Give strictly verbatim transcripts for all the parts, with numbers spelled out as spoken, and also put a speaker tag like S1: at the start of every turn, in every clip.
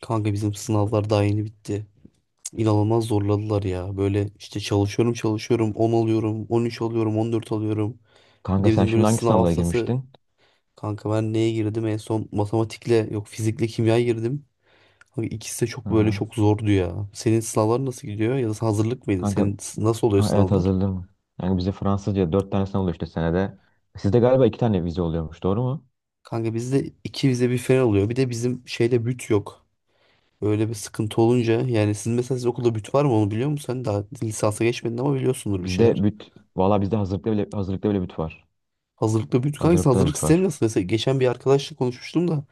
S1: Kanka bizim sınavlar daha yeni bitti. İnanılmaz zorladılar ya. Böyle işte çalışıyorum çalışıyorum on alıyorum on üç alıyorum on dört alıyorum. Bir
S2: Kanka
S1: de
S2: sen
S1: bizim böyle
S2: şimdi hangi
S1: sınav
S2: sınavlara
S1: haftası
S2: girmiştin?
S1: kanka ben neye girdim en son matematikle yok fizikle kimya girdim. Kanka ikisi de çok böyle
S2: Aha.
S1: çok zordu ya. Senin sınavlar nasıl gidiyor ya da sen hazırlık mıydın?
S2: Kanka,
S1: Senin s- nasıl oluyor
S2: ha, evet
S1: sınavlar?
S2: hazırladım. Yani bize Fransızca dört tane sınav oluyor işte senede. Sizde galiba iki tane vize oluyormuş, doğru mu?
S1: Kanka bizde iki vize bir fen oluyor. Bir de bizim şeyde büt yok. Öyle bir sıkıntı olunca yani sizin mesela siz okulda büt var mı onu biliyor musun? Sen daha lisansa geçmedin ama biliyorsundur bir
S2: Bizde
S1: şeyler.
S2: büt, valla bizde hazırlıkta bile, hazırlıkta bile büt var.
S1: Hazırlıkta büyüdük. Hangisi?
S2: Hazırlıkta da
S1: Hazırlık
S2: büt
S1: sistemi
S2: var.
S1: nasıl? Mesela geçen bir arkadaşla konuşmuştum da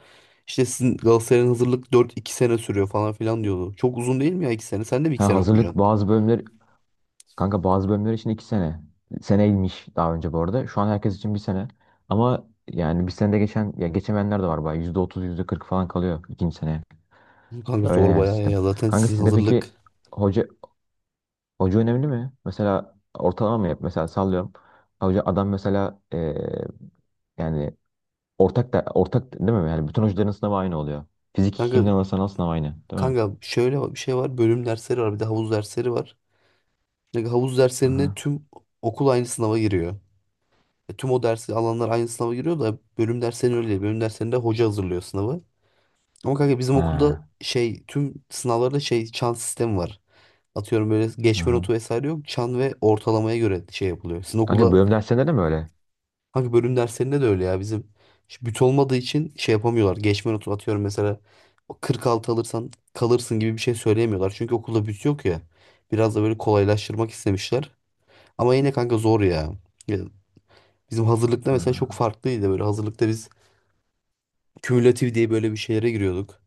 S1: işte sizin Galatasaray'ın hazırlık dört iki sene sürüyor falan filan diyordu. Çok uzun değil mi ya iki sene? Sen de bir iki
S2: Ha,
S1: sene
S2: hazırlık
S1: okuyacaksın.
S2: bazı bölümler, kanka bazı bölümler için iki sene. Seneymiş daha önce bu arada. Şu an herkes için bir sene. Ama yani bir senede geçen, ya geçemeyenler de var bayağı. Yüzde otuz, yüzde kırk falan kalıyor ikinci sene.
S1: Kanka
S2: Öyle
S1: zor
S2: yani
S1: bayağı
S2: sistem.
S1: ya. Zaten
S2: Kanka
S1: sizin
S2: sizde
S1: hazırlık.
S2: peki, hoca Hoca önemli mi? Mesela ortalama mı yap? Mesela sallıyorum. Hoca adam mesela, e, yani ortak da ortak değil mi? Yani bütün hocaların sınavı aynı oluyor. Fizik
S1: Kanka
S2: ikinin ana sanal sınavı aynı, değil mi?
S1: kanka şöyle bir şey var. Bölüm dersleri var. Bir de havuz dersleri var. Kanka havuz derslerine
S2: Aha.
S1: tüm okul aynı sınava giriyor. E, tüm o dersi alanlar aynı sınava giriyor da bölüm derslerinde öyle değil. Bölüm derslerinde hoca hazırlıyor sınavı. Ama kanka bizim okulda
S2: Ha.
S1: şey tüm sınavlarda şey çan sistemi var. Atıyorum böyle geçme
S2: Aha.
S1: notu vesaire yok. Çan ve ortalamaya göre şey yapılıyor. Sizin
S2: Kanka
S1: okulda
S2: bölüm derslerinde de mi öyle?
S1: hangi bölüm derslerinde de öyle ya bizim işte büt olmadığı için şey yapamıyorlar. Geçme notu atıyorum mesela o kırk altı alırsan kalırsın gibi bir şey söyleyemiyorlar. Çünkü okulda büt yok ya. Biraz da böyle kolaylaştırmak istemişler. Ama yine kanka zor ya. Ya, bizim hazırlıkta mesela çok
S2: Ha.
S1: farklıydı böyle. Hazırlıkta biz kümülatif diye böyle bir şeylere giriyorduk.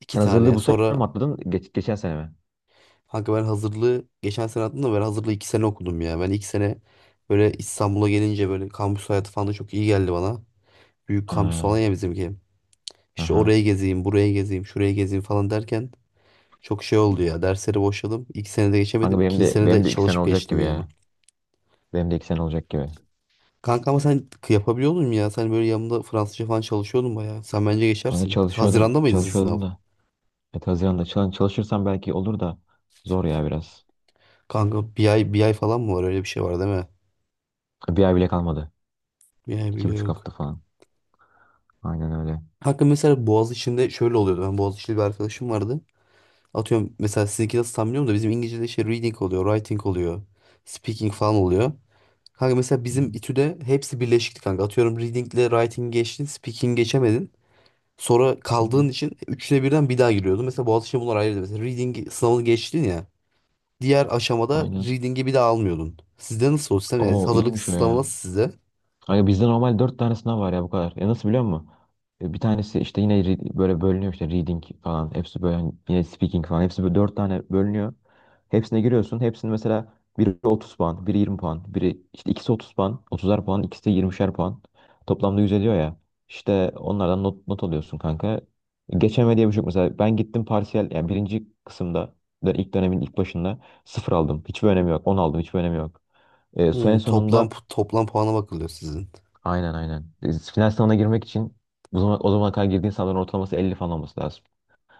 S1: İki
S2: Sen hazırlığı
S1: tane.
S2: bu sene
S1: Sonra.
S2: mi atladın? Geç, geçen sene mi?
S1: Kanka ben hazırlığı geçen sene attım da ben hazırlığı iki sene okudum ya. Ben iki sene böyle İstanbul'a gelince böyle kampüs hayatı falan da çok iyi geldi bana. Büyük kampüs falan
S2: Ha.
S1: ya bizimki. İşte
S2: Aha.
S1: oraya gezeyim, buraya gezeyim, şuraya gezeyim falan derken çok şey oldu ya. Dersleri boşladım. İlk senede
S2: Kanka
S1: geçemedim.
S2: benim
S1: İkinci
S2: de
S1: senede
S2: benim de iki sene
S1: çalışıp
S2: olacak
S1: geçtim
S2: gibi
S1: ya.
S2: ya. Benim de iki sene olacak gibi.
S1: Kanka ama sen k- yapabiliyor musun ya? Sen böyle yanımda Fransızca falan çalışıyordun bayağı. Sen bence
S2: Kanka
S1: geçersin.
S2: çalışıyordum,
S1: Haziran'da mıydı sizin sınav?
S2: çalışıyordum da. Evet, Haziran'da çalış- çalışırsam belki olur da zor ya biraz.
S1: Kanka bir ay, bir ay falan mı var? Öyle bir şey var değil mi?
S2: Bir ay bile kalmadı.
S1: Bir ay
S2: İki
S1: bile
S2: buçuk
S1: yok.
S2: hafta falan. Aynen öyle.
S1: Hakkı mesela Boğaziçi'nde şöyle oluyordu. Ben Boğaziçi'li bir arkadaşım vardı. Atıyorum mesela sizinki nasıl tam bilmiyorum da bizim İngilizce'de şey reading oluyor, writing oluyor, speaking falan oluyor. Kanka mesela
S2: Hı
S1: bizim
S2: hı,
S1: İTÜ'de hepsi birleşikti kanka. Atıyorum reading'le writing geçtin, speaking geçemedin. Sonra
S2: hı hı.
S1: kaldığın için üçüne birden bir daha giriyordun. Mesela Boğaziçi'nde bunlar ayrıydı. Mesela reading sınavını geçtin ya. Diğer aşamada
S2: Aynen.
S1: reading'i bir daha almıyordun. Sizde nasıl o sistem? Yani
S2: Oo,
S1: hazırlık
S2: iyiymiş o ya.
S1: sınavı nasıl sizde?
S2: Kanka bizde normal dört tane sınav var ya, bu kadar. Ya, nasıl biliyor musun? E, bir tanesi işte yine re- böyle bölünüyor işte, reading falan. Hepsi böyle hani yine speaking falan. Hepsi böyle dört tane bölünüyor. Hepsine giriyorsun. Hepsini mesela biri otuz puan, biri yirmi puan, biri işte ikisi otuz puan, otuzar puan, ikisi de yirmişer puan. Toplamda yüz ediyor ya. İşte onlardan not, not alıyorsun kanka. Geçeme diye bir şey yok. Mesela ben gittim parsiyel, yani birinci kısımda da ilk dönemin ilk başında sıfır aldım. Hiçbir önemi yok. On aldım. Hiçbir önemi yok. E, so- en
S1: Hmm, toplam
S2: sonunda.
S1: toplam puana bakılıyor sizin.
S2: Aynen, aynen. E, final sınavına girmek için o zaman, o zamana kadar girdiğin sınavların ortalaması elli falan olması lazım.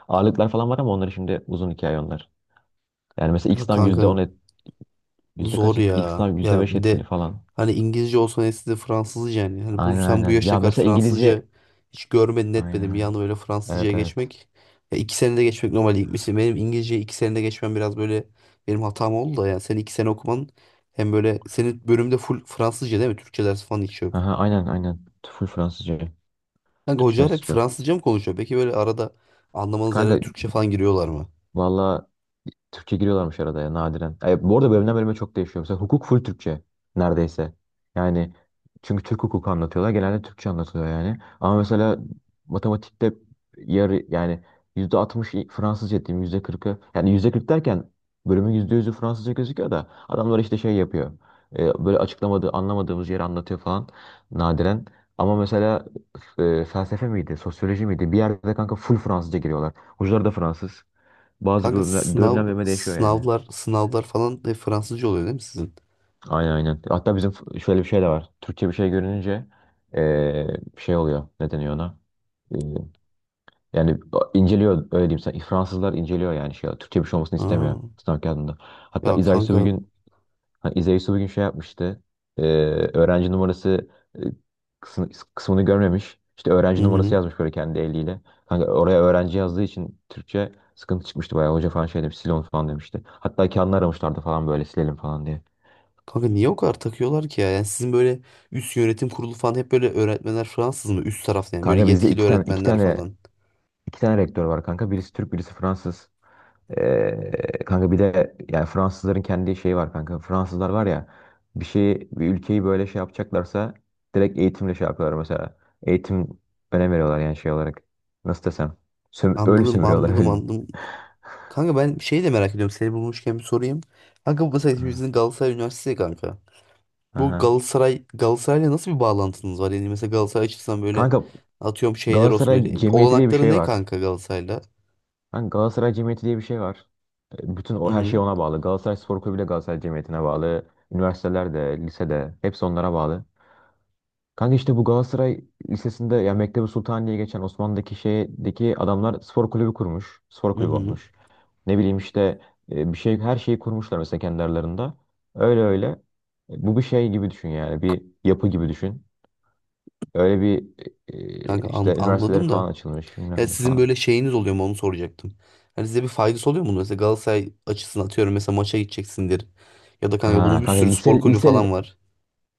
S2: Ağırlıklar falan var ama onları, şimdi uzun hikaye onlar. Yani mesela ilk
S1: Ya
S2: sınav
S1: kanka,
S2: yüzde on et, yüzde
S1: zor
S2: kaç etkili? İlk
S1: ya.
S2: sınav yüzde
S1: Ya
S2: beş
S1: bir
S2: etkili
S1: de
S2: falan.
S1: hani İngilizce olsa neyse de Fransızca yani. Hani bu
S2: Aynen,
S1: sen bu
S2: aynen.
S1: yaşına
S2: Ya
S1: kadar
S2: mesela
S1: Fransızca
S2: İngilizce
S1: hiç görmedin
S2: aynen
S1: etmedin. Bir
S2: öyle.
S1: anda böyle Fransızcaya
S2: Evet, evet.
S1: geçmek. Ya iki senede geçmek normal değil. Mesela benim İngilizceyi iki senede geçmem biraz böyle benim hatam oldu da yani senin iki sene okuman hem böyle senin bölümde full Fransızca değil mi? Türkçe dersi falan hiç yok.
S2: Aha, aynen aynen. Full Fransızca.
S1: Kanka
S2: Türkçe
S1: hocalar
S2: dersi
S1: hep
S2: hiç yok.
S1: Fransızca mı konuşuyor? Peki böyle arada anlamanız
S2: Kanka,
S1: yerlere Türkçe falan giriyorlar mı?
S2: valla, Türkçe giriyorlarmış arada ya, nadiren. E, bu arada bölümden bölüme çok değişiyor. Mesela hukuk full Türkçe neredeyse. Yani çünkü Türk hukuku anlatıyorlar. Genelde Türkçe anlatılıyor yani. Ama mesela matematikte yarı, yani yüzde altmış Fransızca diyeyim, yüzde kırkı. Yani yüzde kırk derken bölümün yüzde yüzü Fransızca gözüküyor da adamlar işte şey yapıyor. E, böyle açıklamadığı, anlamadığımız yeri anlatıyor falan nadiren. Ama mesela, e, felsefe miydi, sosyoloji miydi? Bir yerde kanka full Fransızca giriyorlar. Hocalar da Fransız. Bazı
S1: Kanka
S2: bölümler,
S1: sınav
S2: bölümden bölüme değişiyor yani.
S1: sınavlar sınavlar falan hep Fransızca oluyor değil mi sizin?
S2: Aynen, aynen. Hatta bizim f- şöyle bir şey de var. Türkçe bir şey görününce eee, şey oluyor. Ne deniyor ona? Eee, yani inceliyor, öyle diyeyim sana. Fransızlar inceliyor, yani şey. Türkçe bir şey olmasını istemiyor
S1: Aa,
S2: sınav kağıdında.
S1: ya
S2: Hatta İzahi bir
S1: kanka.
S2: gün... Ha, İzey Su bugün şey yapmıştı. Ee, öğrenci numarası, e, kısmı- kısmını görmemiş. İşte
S1: Hı
S2: öğrenci numarası
S1: hı.
S2: yazmış böyle kendi eliyle. Kanka oraya öğrenci yazdığı için Türkçe sıkıntı çıkmıştı bayağı. Hoca falan şey demiş, sil onu falan demişti. Hatta kendini aramışlardı falan, böyle silelim falan diye.
S1: Kanka niye o kadar takıyorlar ki ya? Yani sizin böyle üst yönetim kurulu falan hep böyle öğretmenler Fransız mı? Üst tarafta yani böyle
S2: Kanka bizde
S1: yetkili
S2: iki tane iki
S1: öğretmenler
S2: tane
S1: falan.
S2: iki tane rektör var kanka. Birisi Türk, birisi Fransız. Ee, kanka bir de yani Fransızların kendi şeyi var kanka. Fransızlar var ya, bir şeyi, bir ülkeyi böyle şey yapacaklarsa direkt eğitimle şey yapıyorlar mesela. Eğitim önem veriyorlar yani şey olarak. Nasıl desem? Söm öyle
S1: Anladım
S2: sömürüyorlar,
S1: anladım
S2: öyle.
S1: anladım. Kanka ben şeyi de merak ediyorum. Seni bulmuşken bir sorayım. Kanka bu mesela
S2: Hı.
S1: hepimizin Galatasaray Üniversitesi ya kanka. Bu
S2: Aha.
S1: Galatasaray Galatasaray'la nasıl bir bağlantınız var? Yani mesela Galatasaray açısından böyle
S2: Kanka,
S1: atıyorum şeyler olsun
S2: Galatasaray
S1: böyle.
S2: Cemiyeti diye bir
S1: Olanakları
S2: şey
S1: ne
S2: var.
S1: kanka Galatasaray'la?
S2: Kanka, Galatasaray Cemiyeti diye bir şey var. E, bütün o,
S1: Hı
S2: her
S1: hı.
S2: şey ona bağlı. Galatasaray Spor Kulübü de Galatasaray Cemiyeti'ne bağlı. Üniversiteler de, lise de, hepsi onlara bağlı. Kanka işte bu Galatasaray Lisesi'nde, ya Mektebi Sultan diye geçen Osmanlı'daki şeydeki adamlar spor kulübü kurmuş. Spor
S1: Hı
S2: kulübü
S1: hı.
S2: olmuş. Ne bileyim işte, e, bir şey, her şeyi kurmuşlar mesela kendi aralarında. Öyle öyle. E, bu bir şey gibi düşün yani. Bir yapı gibi düşün. Öyle bir e,
S1: Kanka
S2: e,
S1: an-
S2: işte üniversiteleri
S1: anladım da.
S2: falan açılmış, bilmem
S1: Ya
S2: ne
S1: sizin
S2: falan.
S1: böyle şeyiniz oluyor mu onu soracaktım. Hani size bir faydası oluyor mu bunun? Mesela Galatasaray açısından atıyorum mesela maça gideceksindir. Ya da kanka
S2: Ha
S1: bunun bir
S2: kanka
S1: sürü
S2: lise
S1: spor kulübü
S2: lise
S1: falan var.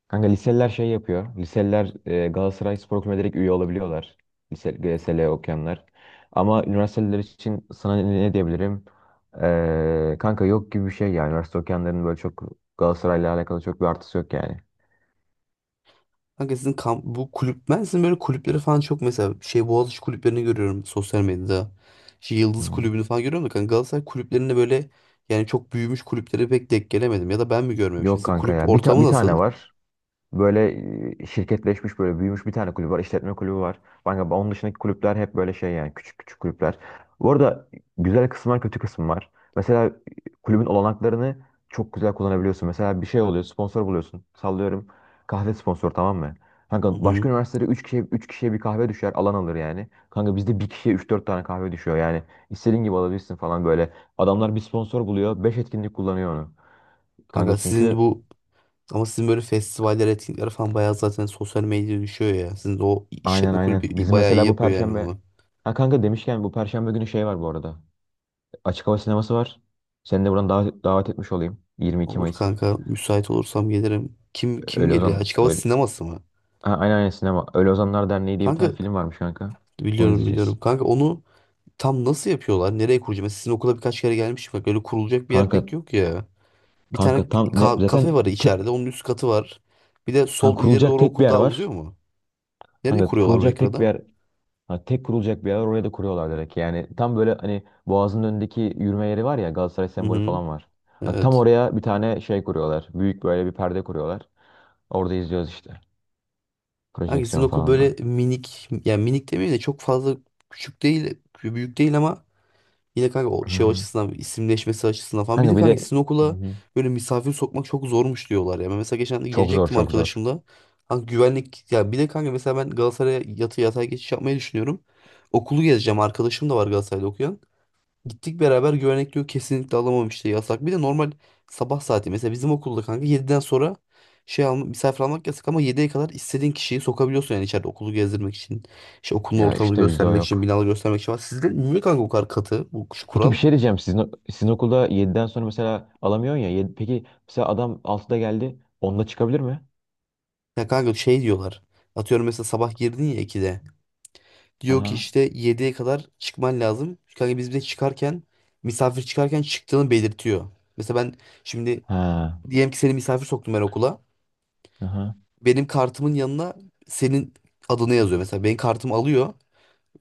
S2: Kanka, liseliler şey yapıyor. Liseliler, e, Galatasaray Spor Kulübü'ne direkt üye olabiliyorlar. Lise, G S L okuyanlar. Ama üniversiteler için sana ne ne diyebilirim? Ee, kanka yok gibi bir şey yani. Üniversite okuyanların böyle çok Galatasaray'la alakalı çok bir artısı yok yani.
S1: Kanka sizin kamp, bu kulüp ben sizin böyle kulüpleri falan çok mesela şey Boğaziçi kulüplerini görüyorum sosyal medyada. Şey Yıldız
S2: Hmm.
S1: kulübünü falan görüyorum da kanka Galatasaray kulüplerinde böyle yani çok büyümüş kulüplere pek denk gelemedim. Ya da ben mi görmemişim?
S2: Yok
S1: Sizin
S2: kanka
S1: kulüp
S2: ya. Bir, ta-
S1: ortamı
S2: bir
S1: nasıl?
S2: tane var. Böyle, e, şirketleşmiş, böyle büyümüş bir tane kulüp var. İşletme kulübü var. Kanka onun dışındaki kulüpler hep böyle şey, yani küçük küçük kulüpler. Bu arada, güzel kısmı var, kötü kısmı var. Mesela, e, kulübün olanaklarını çok güzel kullanabiliyorsun. Mesela bir şey oluyor, sponsor buluyorsun. Sallıyorum, kahve sponsoru, tamam mı?
S1: Hı
S2: Kanka başka
S1: hı.
S2: üniversitede üç kişiye, üç kişiye bir kahve düşer, alan alır yani. Kanka bizde bir kişiye üç dört tane kahve düşüyor yani. İstediğin gibi alabilirsin falan, böyle. Adamlar bir sponsor buluyor, beş etkinlik kullanıyor onu. Kanka
S1: Kanka sizin
S2: çünkü
S1: bu Ama sizin böyle festivaller, etkinlikler falan bayağı zaten sosyal medyaya düşüyor ya. Sizin de o
S2: Aynen,
S1: işletme
S2: aynen.
S1: kulübü
S2: Bizim
S1: bayağı iyi
S2: mesela bu
S1: yapıyor yani
S2: perşembe,
S1: onu.
S2: ha kanka demişken, bu perşembe günü şey var bu arada. Açık hava sineması var. Seni de buradan davet, davet etmiş olayım. yirmi iki
S1: Olur
S2: Mayıs.
S1: kanka, müsait olursam gelirim. Kim kim
S2: Öyle
S1: geliyor?
S2: Ozan
S1: Açık hava
S2: Öyle...
S1: sineması mı?
S2: Ha, aynen aynen, sinema. Öyle Ozanlar Derneği diye bir
S1: Kanka
S2: tane film varmış kanka. Onu
S1: biliyorum biliyorum.
S2: izleyeceğiz.
S1: Kanka onu tam nasıl yapıyorlar? Nereye kuracağım? Mesela sizin okula birkaç kere gelmişim. Bak öyle kurulacak bir yer
S2: Kanka
S1: pek yok ya. Bir tane
S2: kanka tam ne
S1: ka-
S2: zaten
S1: kafe var
S2: te...
S1: içeride. Onun üst katı var. Bir de
S2: Ha,
S1: sol ileri
S2: kurulacak
S1: doğru
S2: tek bir
S1: okul
S2: yer
S1: daha uzuyor
S2: var.
S1: mu? Nereye
S2: Hani
S1: kuruyorlar bu
S2: kurulacak tek bir
S1: ekrada?
S2: yer ha, tek kurulacak bir yer var, oraya da kuruyorlar direkt. Yani tam böyle, hani Boğaz'ın önündeki yürüme yeri var ya, Galatasaray
S1: Hı
S2: sembolü
S1: hı.
S2: falan var. Hani tam
S1: Evet.
S2: oraya bir tane şey kuruyorlar. Büyük böyle bir perde kuruyorlar. Orada izliyoruz işte.
S1: Kanka sizin
S2: Projeksiyon
S1: okul
S2: falan da.
S1: böyle minik yani minik demeyeyim de çok fazla küçük değil büyük değil ama yine kanka o
S2: Hı
S1: şey
S2: hı.
S1: açısından isimleşmesi açısından falan bir de
S2: Kanka bir
S1: kanka
S2: de
S1: sizin
S2: Hı
S1: okula
S2: hı.
S1: böyle misafir sokmak çok zormuş diyorlar ya. Ben mesela geçen de
S2: Çok zor,
S1: gelecektim
S2: çok zor.
S1: arkadaşımla. Kanka güvenlik ya bir de kanka mesela ben Galatasaray'a yatı yatay geçiş yapmayı düşünüyorum. Okulu gezeceğim arkadaşım da var Galatasaray'da okuyan. Gittik beraber güvenlik diyor kesinlikle alamam işte yasak. Bir de normal sabah saati mesela bizim okulda kanka yediden sonra şey alma, misafir almak yasak ama yediye kadar istediğin kişiyi sokabiliyorsun yani içeride okulu gezdirmek için. İşte okulun
S2: Ya
S1: ortamını
S2: işte bizde o
S1: göstermek için,
S2: yok.
S1: binaları göstermek için falan. Sizde niye kanka bu kadar katı bu
S2: Peki bir
S1: kural?
S2: şey diyeceğim. Sizin, sizin okulda yediden sonra mesela alamıyorsun ya. Yedi- peki mesela adam altıda geldi, onda çıkabilir mi?
S1: Ya kanka şey diyorlar. Atıyorum mesela sabah girdin ya ikide. Diyor ki
S2: Aha.
S1: işte yediye kadar çıkman lazım. Kanka biz bir de çıkarken misafir çıkarken çıktığını belirtiyor. Mesela ben şimdi
S2: Ha.
S1: diyelim ki seni misafir soktum ben okula.
S2: Aha.
S1: Benim kartımın yanına senin adını yazıyor. Mesela benim kartımı alıyor.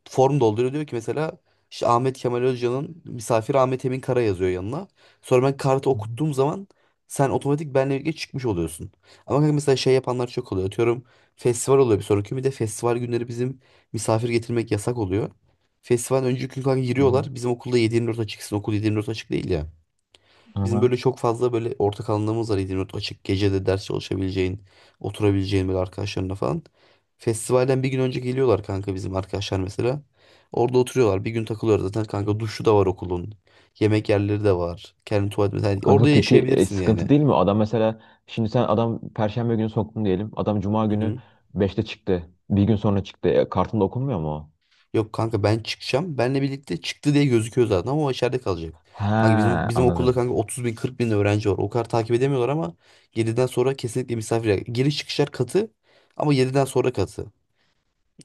S1: Form dolduruyor diyor ki mesela işte Ahmet Kemal Özcan'ın misafir Ahmet Emin Kara yazıyor yanına. Sonra ben kartı
S2: Hı hı.
S1: okuttuğum zaman sen otomatik benle birlikte çıkmış oluyorsun. Ama kanka mesela şey yapanlar çok oluyor. Atıyorum festival oluyor bir sonraki gün. Bir de festival günleri bizim misafir getirmek yasak oluyor. Festival önceki gün kanka
S2: Hı hı.
S1: giriyorlar. Bizim okulda yedi yirmi dört açıksın. Okul yedi yirmi dört açık değil ya. Bizim
S2: Aha.
S1: böyle çok fazla böyle ortak alanlarımız var İzmir'de açık gecede ders çalışabileceğin, oturabileceğin böyle arkadaşlarına falan. Festivalden bir gün önce geliyorlar kanka bizim arkadaşlar mesela. Orada oturuyorlar. Bir gün takılıyorlar zaten kanka duşu da var okulun. Yemek yerleri de var. Kendi tuvalet mesela. Yani orada
S2: Kanka peki, e,
S1: yaşayabilirsin yani.
S2: sıkıntı değil mi? Adam mesela, şimdi sen adam Perşembe günü soktun diyelim. Adam Cuma
S1: Hı
S2: günü
S1: hı.
S2: beşte çıktı. Bir gün sonra çıktı. E, kartında okunmuyor mu o?
S1: Yok kanka, ben çıkacağım. Benle birlikte çıktı diye gözüküyor zaten ama o içeride kalacak. Kanka bizim
S2: Ha,
S1: bizim okulda
S2: anladım.
S1: kanka otuz bin kırk bin öğrenci var. O kadar takip edemiyorlar ama yediden sonra kesinlikle misafir. Giriş çıkışlar katı ama yediden sonra katı.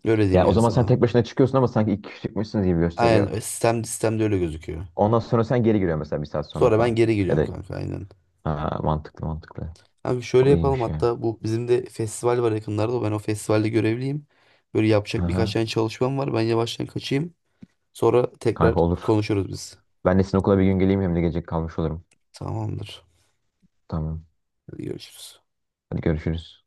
S1: Öyle diyeyim
S2: Ya, o
S1: yani
S2: zaman sen
S1: sana.
S2: tek başına çıkıyorsun ama sanki iki kişi çıkmışsınız gibi
S1: Aynen
S2: gösteriyor.
S1: ö- sistem sistemde öyle gözüküyor.
S2: Ondan sonra sen geri giriyorsun mesela bir saat sonra
S1: Sonra ben
S2: falan.
S1: geri
S2: Ya
S1: geliyorum
S2: da
S1: kanka aynen.
S2: ha, Mantıklı, mantıklı.
S1: Abi şöyle
S2: O
S1: yapalım
S2: iyiymiş ya.
S1: hatta bu bizim de festival var yakınlarda. Ben o festivalde görevliyim. Böyle yapacak birkaç
S2: Aha.
S1: tane çalışmam var. Ben yavaştan kaçayım. Sonra
S2: Kanka
S1: tekrar
S2: olur.
S1: konuşuruz biz.
S2: Ben de sizin okula bir gün geleyim, hem de gece kalmış olurum.
S1: Tamamdır.
S2: Tamam.
S1: Hadi görüşürüz.
S2: Hadi görüşürüz.